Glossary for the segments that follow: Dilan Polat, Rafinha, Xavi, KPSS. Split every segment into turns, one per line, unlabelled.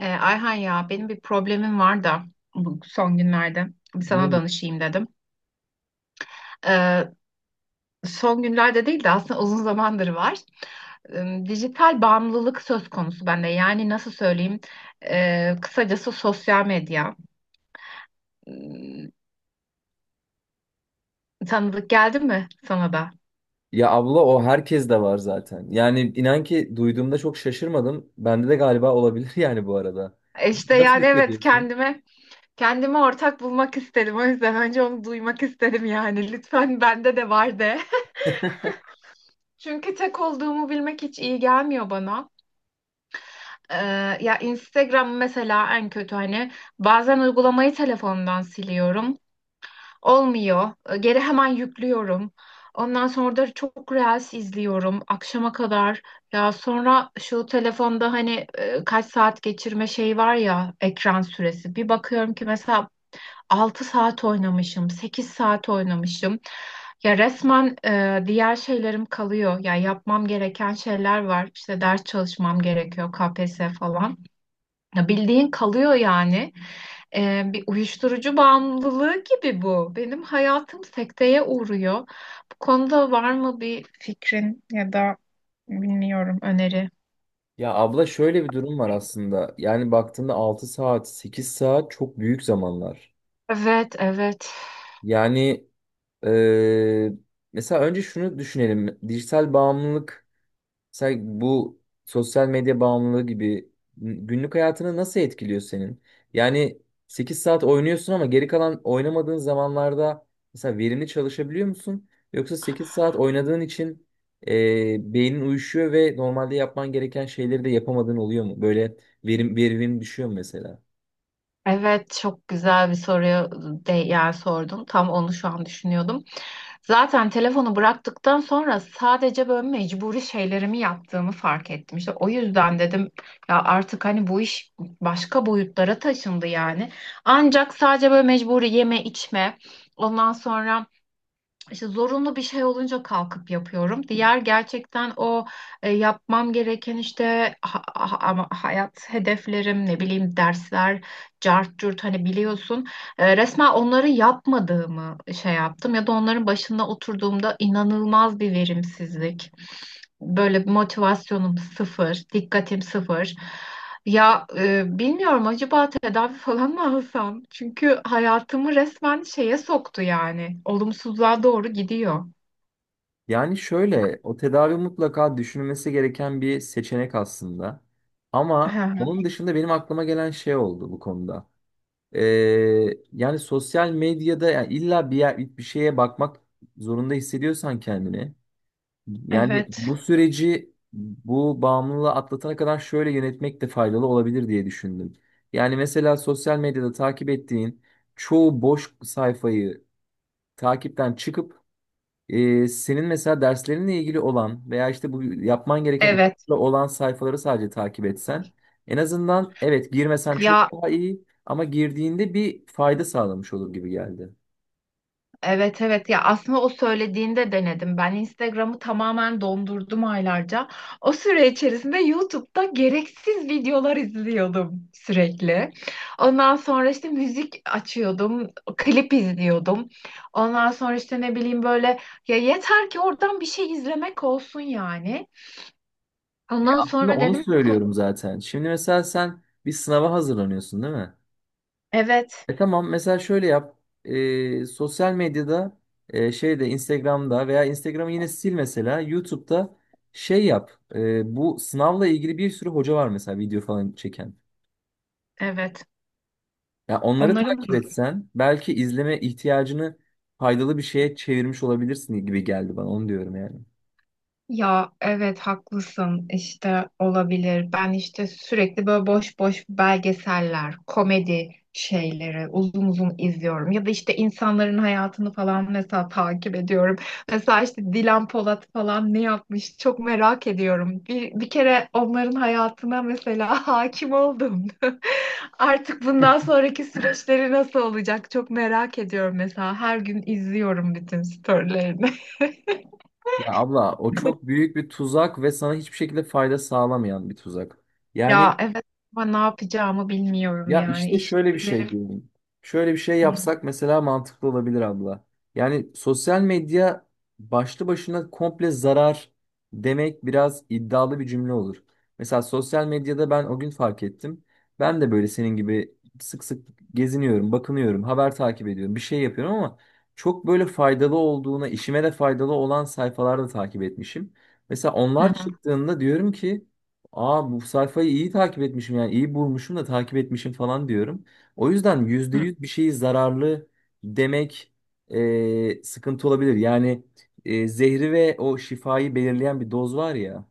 Ayhan, ya benim bir problemim var da bu son günlerde bir sana
Ne?
danışayım dedim. Ee, Son günlerde değil de aslında uzun zamandır var. Dijital bağımlılık söz konusu bende. Yani nasıl söyleyeyim? Kısacası sosyal medya. Ee, Tanıdık geldi mi sana da?
Ya abla, o herkes de var zaten. Yani inan ki duyduğumda çok şaşırmadım. Bende de galiba olabilir yani bu arada.
İşte
Nasıl
yani evet,
hissediyorsun?
kendime ortak bulmak istedim. O yüzden önce onu duymak istedim yani. Lütfen bende de var de. Çünkü tek olduğumu bilmek hiç iyi gelmiyor bana. Ee, Ya Instagram mesela en kötü, hani bazen uygulamayı telefondan siliyorum. Olmuyor. Geri hemen yüklüyorum. Ondan sonra da çok reels izliyorum akşama kadar. Ya sonra şu telefonda hani kaç saat geçirme şeyi var ya, ekran süresi. Bir bakıyorum ki mesela 6 saat oynamışım, 8 saat oynamışım. Ya resmen diğer şeylerim kalıyor. Ya yapmam gereken şeyler var. İşte ders çalışmam gerekiyor, KPSS falan. Ya, bildiğin kalıyor yani. Bir uyuşturucu bağımlılığı gibi bu. Benim hayatım sekteye uğruyor. Bu konuda var mı bir fikrin ya da bilmiyorum, öneri?
Ya abla, şöyle bir durum var aslında. Yani baktığında 6 saat, 8 saat çok büyük zamanlar.
Evet, evet.
Yani eee, mesela önce şunu düşünelim. Dijital bağımlılık. Sen bu sosyal medya bağımlılığı gibi günlük hayatını nasıl etkiliyor senin? Yani 8 saat oynuyorsun ama geri kalan oynamadığın zamanlarda mesela verimli çalışabiliyor musun? Yoksa 8 saat oynadığın için beynin uyuşuyor ve normalde yapman gereken şeyleri de yapamadığın oluyor mu? Böyle verimin düşüyor mu mesela?
Evet, çok güzel bir soruya de, yani sordun. Tam onu şu an düşünüyordum. Zaten telefonu bıraktıktan sonra sadece böyle mecburi şeylerimi yaptığımı fark ettim. İşte o yüzden dedim ya, artık hani bu iş başka boyutlara taşındı yani. Ancak sadece böyle mecburi yeme içme, ondan sonra işte zorunlu bir şey olunca kalkıp yapıyorum. Diğer, gerçekten o yapmam gereken işte ama hayat hedeflerim, ne bileyim, dersler, cart curt, hani biliyorsun. Resmen onları yapmadığımı şey yaptım ya da onların başında oturduğumda inanılmaz bir verimsizlik. Böyle, bir motivasyonum sıfır, dikkatim sıfır. Ya, bilmiyorum, acaba tedavi falan mı alsam? Çünkü hayatımı resmen şeye soktu yani. Olumsuzluğa doğru gidiyor.
Yani şöyle, o tedavi mutlaka düşünülmesi gereken bir seçenek aslında.
Hı
Ama
hı.
onun dışında benim aklıma gelen şey oldu bu konuda. Ee, yani sosyal medyada, yani illa bir yer, bir şeye bakmak zorunda hissediyorsan kendini. Yani
Evet,
bu süreci, bu bağımlılığı atlatana kadar şöyle yönetmek de faydalı olabilir diye düşündüm. Yani mesela sosyal medyada takip ettiğin çoğu boş sayfayı takipten çıkıp, senin mesela derslerinle ilgili olan veya işte bu yapman gereken
evet.
işle olan sayfaları sadece takip etsen, en azından evet girmesen
Ya,
çok daha iyi ama girdiğinde bir fayda sağlamış olur gibi geldi.
evet evet, ya aslında o söylediğinde denedim. Ben Instagram'ı tamamen dondurdum aylarca. O süre içerisinde YouTube'da gereksiz videolar izliyordum sürekli. Ondan sonra işte müzik açıyordum, klip izliyordum. Ondan sonra işte ne bileyim, böyle, ya yeter ki oradan bir şey izlemek olsun yani. Ondan
Aslında
sonra
onu
dedim ki
söylüyorum zaten. Şimdi mesela sen bir sınava hazırlanıyorsun, değil mi?
evet
E tamam, mesela şöyle yap. Sosyal medyada, şeyde Instagram'da, veya Instagram'ı yine sil, mesela YouTube'da şey yap. Bu sınavla ilgili bir sürü hoca var mesela, video falan çeken.
evet,
Ya onları
onların.
takip etsen belki izleme ihtiyacını faydalı bir şeye çevirmiş olabilirsin gibi geldi bana. Onu diyorum yani.
Ya evet, haklısın işte, olabilir. Ben işte sürekli böyle boş boş belgeseller, komedi şeyleri uzun uzun izliyorum. Ya da işte insanların hayatını falan mesela takip ediyorum. Mesela işte Dilan Polat falan ne yapmış çok merak ediyorum. Bir kere onların hayatına mesela hakim oldum. Artık bundan sonraki süreçleri nasıl olacak çok merak ediyorum mesela. Her gün izliyorum bütün storylerini.
Ya abla, o çok büyük bir tuzak ve sana hiçbir şekilde fayda sağlamayan bir tuzak. Yani.
Ya evet, ama ne yapacağımı bilmiyorum
Ya
yani.
işte
İş
şöyle bir şey
ilerim.
diyeyim. Şöyle bir şey
Hı
yapsak mesela mantıklı olabilir abla. Yani sosyal medya başlı başına komple zarar demek biraz iddialı bir cümle olur. Mesela sosyal medyada ben o gün fark ettim. Ben de böyle senin gibi sık sık geziniyorum, bakınıyorum, haber takip ediyorum, bir şey yapıyorum ama çok böyle faydalı olduğuna, işime de faydalı olan sayfalarda takip etmişim. Mesela onlar
hı.
çıktığında diyorum ki, aa bu sayfayı iyi takip etmişim, yani iyi bulmuşum da takip etmişim falan diyorum. O yüzden yüzde
Hı.
yüz bir şeyi zararlı demek sıkıntı olabilir. Yani zehri ve o şifayı belirleyen bir doz var ya.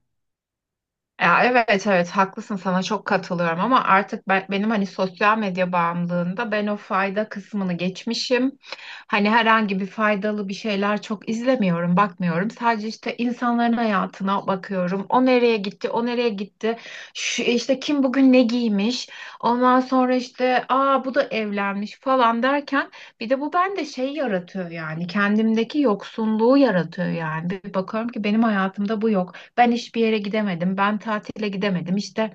Ya, evet evet, haklısın, sana çok katılıyorum ama artık benim hani sosyal medya bağımlılığında ben o fayda kısmını geçmişim. Hani herhangi bir faydalı bir şeyler çok izlemiyorum, bakmıyorum. Sadece işte insanların hayatına bakıyorum. O nereye gitti, o nereye gitti. Şu, işte kim bugün ne giymiş. Ondan sonra işte aa bu da evlenmiş falan derken, bir de bu bende şey yaratıyor yani, kendimdeki yoksunluğu yaratıyor yani. Bir bakıyorum ki benim hayatımda bu yok. Ben hiçbir yere gidemedim. Ben tatile gidemedim. İşte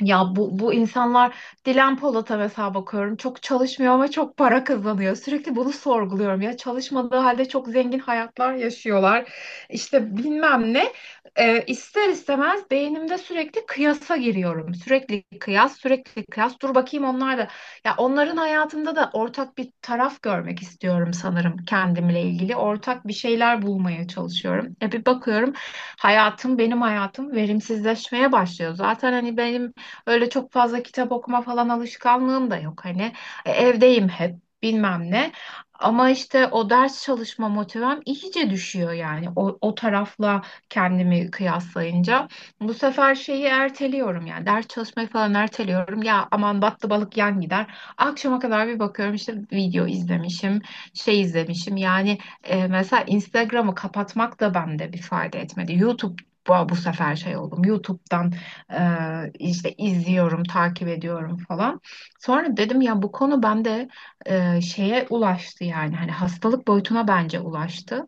ya, bu insanlar. Dilan Polat'a mesela bakıyorum, çok çalışmıyor ama çok para kazanıyor. Sürekli bunu sorguluyorum, ya çalışmadığı halde çok zengin hayatlar yaşıyorlar. İşte bilmem ne. İster istemez beynimde sürekli kıyasa giriyorum. Sürekli kıyas, sürekli kıyas, dur bakayım onlar da, ya onların hayatında da ortak bir taraf görmek istiyorum sanırım, kendimle ilgili ortak bir şeyler bulmaya çalışıyorum. Bir bakıyorum, benim hayatım verimsizleşmeye başlıyor. Zaten hani benim öyle çok fazla kitap okuma falan alışkanlığım da yok hani. Evdeyim hep, bilmem ne. Ama işte o ders çalışma motivem iyice düşüyor yani, o tarafla kendimi kıyaslayınca. Bu sefer şeyi erteliyorum yani, ders çalışmayı falan erteliyorum. Ya, aman battı balık yan gider. Akşama kadar bir bakıyorum işte video izlemişim, şey izlemişim. Yani mesela Instagram'ı kapatmak da bende bir fayda etmedi. YouTube, bu sefer şey oldum. YouTube'dan işte izliyorum, takip ediyorum falan. Sonra dedim ya bu konu bende şeye ulaştı yani, hani hastalık boyutuna bence ulaştı.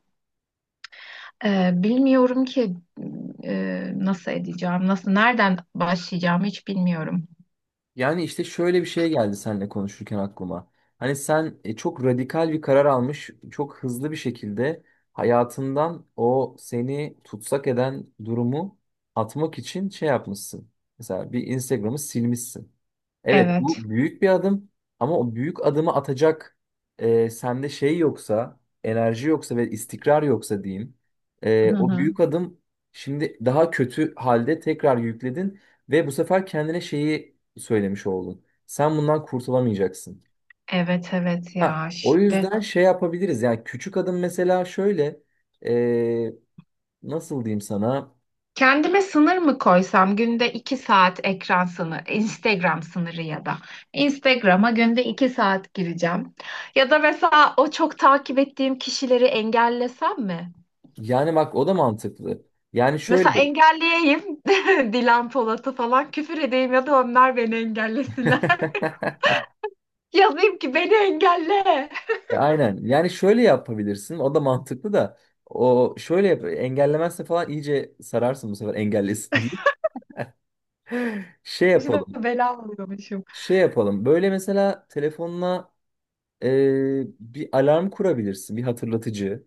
Bilmiyorum ki nasıl edeceğim, nereden başlayacağımı hiç bilmiyorum.
Yani işte şöyle bir şey geldi seninle konuşurken aklıma. Hani sen çok radikal bir karar almış, çok hızlı bir şekilde hayatından o seni tutsak eden durumu atmak için şey yapmışsın. Mesela bir Instagram'ı silmişsin. Evet,
Evet.
bu büyük bir adım ama o büyük adımı atacak sende şey yoksa, enerji yoksa ve istikrar yoksa diyeyim.
Hı
O
hı.
büyük adım şimdi daha kötü halde tekrar yükledin ve bu sefer kendine şeyi söylemiş oldun. Sen bundan kurtulamayacaksın.
Evet evet,
Ha,
ya
o
işte
yüzden şey yapabiliriz yani. Küçük adım mesela, şöyle e, nasıl diyeyim sana,
kendime sınır mı koysam, günde 2 saat ekran sınırı, Instagram sınırı ya da Instagram'a günde 2 saat gireceğim. Ya da mesela o çok takip ettiğim kişileri engellesem mi?
yani bak o da mantıklı. Yani
Mesela
şöyle
engelleyeyim. Dilan Polat'ı falan, küfür edeyim ya da onlar beni engellesinler. Yazayım ki beni engelle.
Aynen. Yani şöyle yapabilirsin. O da mantıklı da. O şöyle yap. Engellemezse falan iyice sararsın bu sefer, engellesin diye. Şey
İşte
yapalım.
bela oluyormuşum.
Şey yapalım. Böyle mesela telefonuna bir alarm kurabilirsin. Bir hatırlatıcı.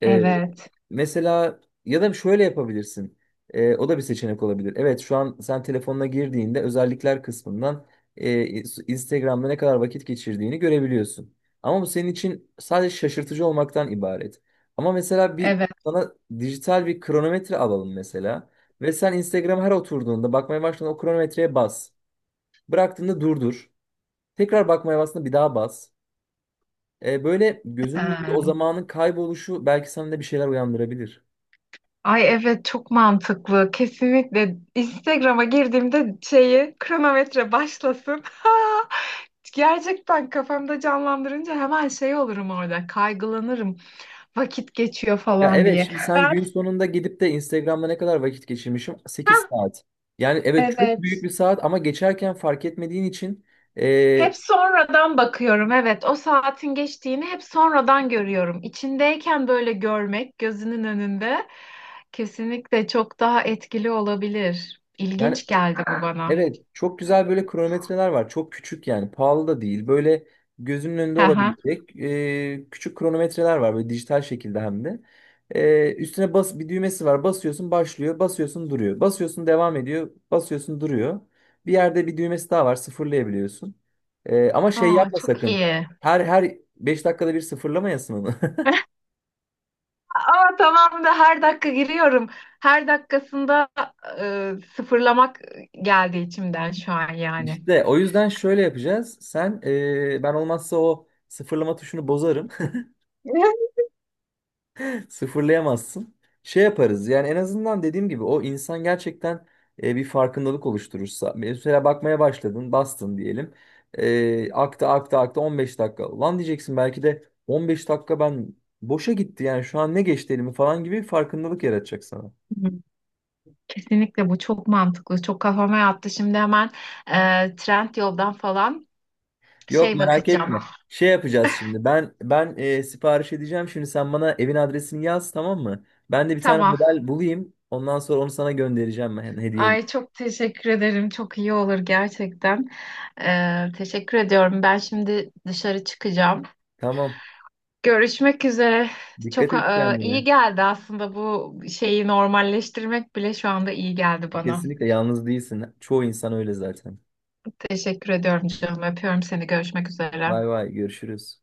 Evet.
Mesela ya da şöyle yapabilirsin. O da bir seçenek olabilir. Evet, şu an sen telefonuna girdiğinde özellikler kısmından e, Instagram'da ne kadar vakit geçirdiğini görebiliyorsun. Ama bu senin için sadece şaşırtıcı olmaktan ibaret. Ama mesela bir
Evet.
sana dijital bir kronometre alalım mesela. Ve sen Instagram'a her oturduğunda, bakmaya başladığında o kronometreye bas. Bıraktığında durdur. Tekrar bakmaya bastığında bir daha bas. Böyle gözünün önünde o
Ha.
zamanın kayboluşu belki sende bir şeyler uyandırabilir.
Ay evet, çok mantıklı. Kesinlikle Instagram'a girdiğimde şeyi, kronometre başlasın. Ha! Gerçekten kafamda canlandırınca hemen şey olurum orada. Kaygılanırım. Vakit geçiyor
Ya
falan
evet,
diye.
şimdi sen
Ben,
gün sonunda gidip de Instagram'da ne kadar vakit geçirmişim? 8 saat. Yani evet, çok büyük
evet.
bir saat ama geçerken fark etmediğin için e,
Hep sonradan bakıyorum. Evet, o saatin geçtiğini hep sonradan görüyorum. İçindeyken böyle görmek, gözünün önünde, kesinlikle çok daha etkili olabilir.
yani.
İlginç geldi bu bana.
Evet, çok güzel böyle kronometreler var. Çok küçük yani, pahalı da değil. Böyle gözünün önünde
Hı hı.
olabilecek küçük kronometreler var, böyle dijital şekilde hem de. Üstüne bas, bir düğmesi var. Basıyorsun başlıyor, basıyorsun duruyor. Basıyorsun devam ediyor, basıyorsun duruyor. Bir yerde bir düğmesi daha var, sıfırlayabiliyorsun. Ama şey
Aa,
yapma
çok
sakın.
iyi.
Her 5 dakikada bir sıfırlamayasın onu.
Aa, tamam da her dakika giriyorum. Her dakikasında sıfırlamak geldi içimden şu an yani.
İşte o yüzden şöyle yapacağız. Sen ben olmazsa o sıfırlama tuşunu bozarım. Sıfırlayamazsın. Şey yaparız yani, en azından dediğim gibi o insan gerçekten bir farkındalık oluşturursa. Mesela bakmaya başladın, bastın diyelim. Aktı 15 dakika. Lan diyeceksin, belki de 15 dakika ben boşa gitti yani, şu an ne geçti elimi falan gibi bir farkındalık yaratacak sana.
Hı. Kesinlikle bu çok mantıklı. Çok kafama yattı. Şimdi hemen Trend Yol'dan falan
Yok,
şey
merak
bakacağım.
etme. Şey yapacağız şimdi. Ben sipariş edeceğim. Şimdi sen bana evin adresini yaz, tamam mı? Ben de bir tane
Tamam.
model bulayım. Ondan sonra onu sana göndereceğim, ben hediye edeyim.
Ay, çok teşekkür ederim. Çok iyi olur gerçekten. Teşekkür ediyorum. Ben şimdi dışarı çıkacağım.
Tamam.
Görüşmek üzere.
Dikkat
Çok
et kendine.
iyi geldi aslında, bu şeyi normalleştirmek bile şu anda iyi geldi bana.
Kesinlikle yalnız değilsin. Çoğu insan öyle zaten.
Teşekkür ediyorum canım. Öpüyorum seni. Görüşmek üzere.
Bay bay, görüşürüz.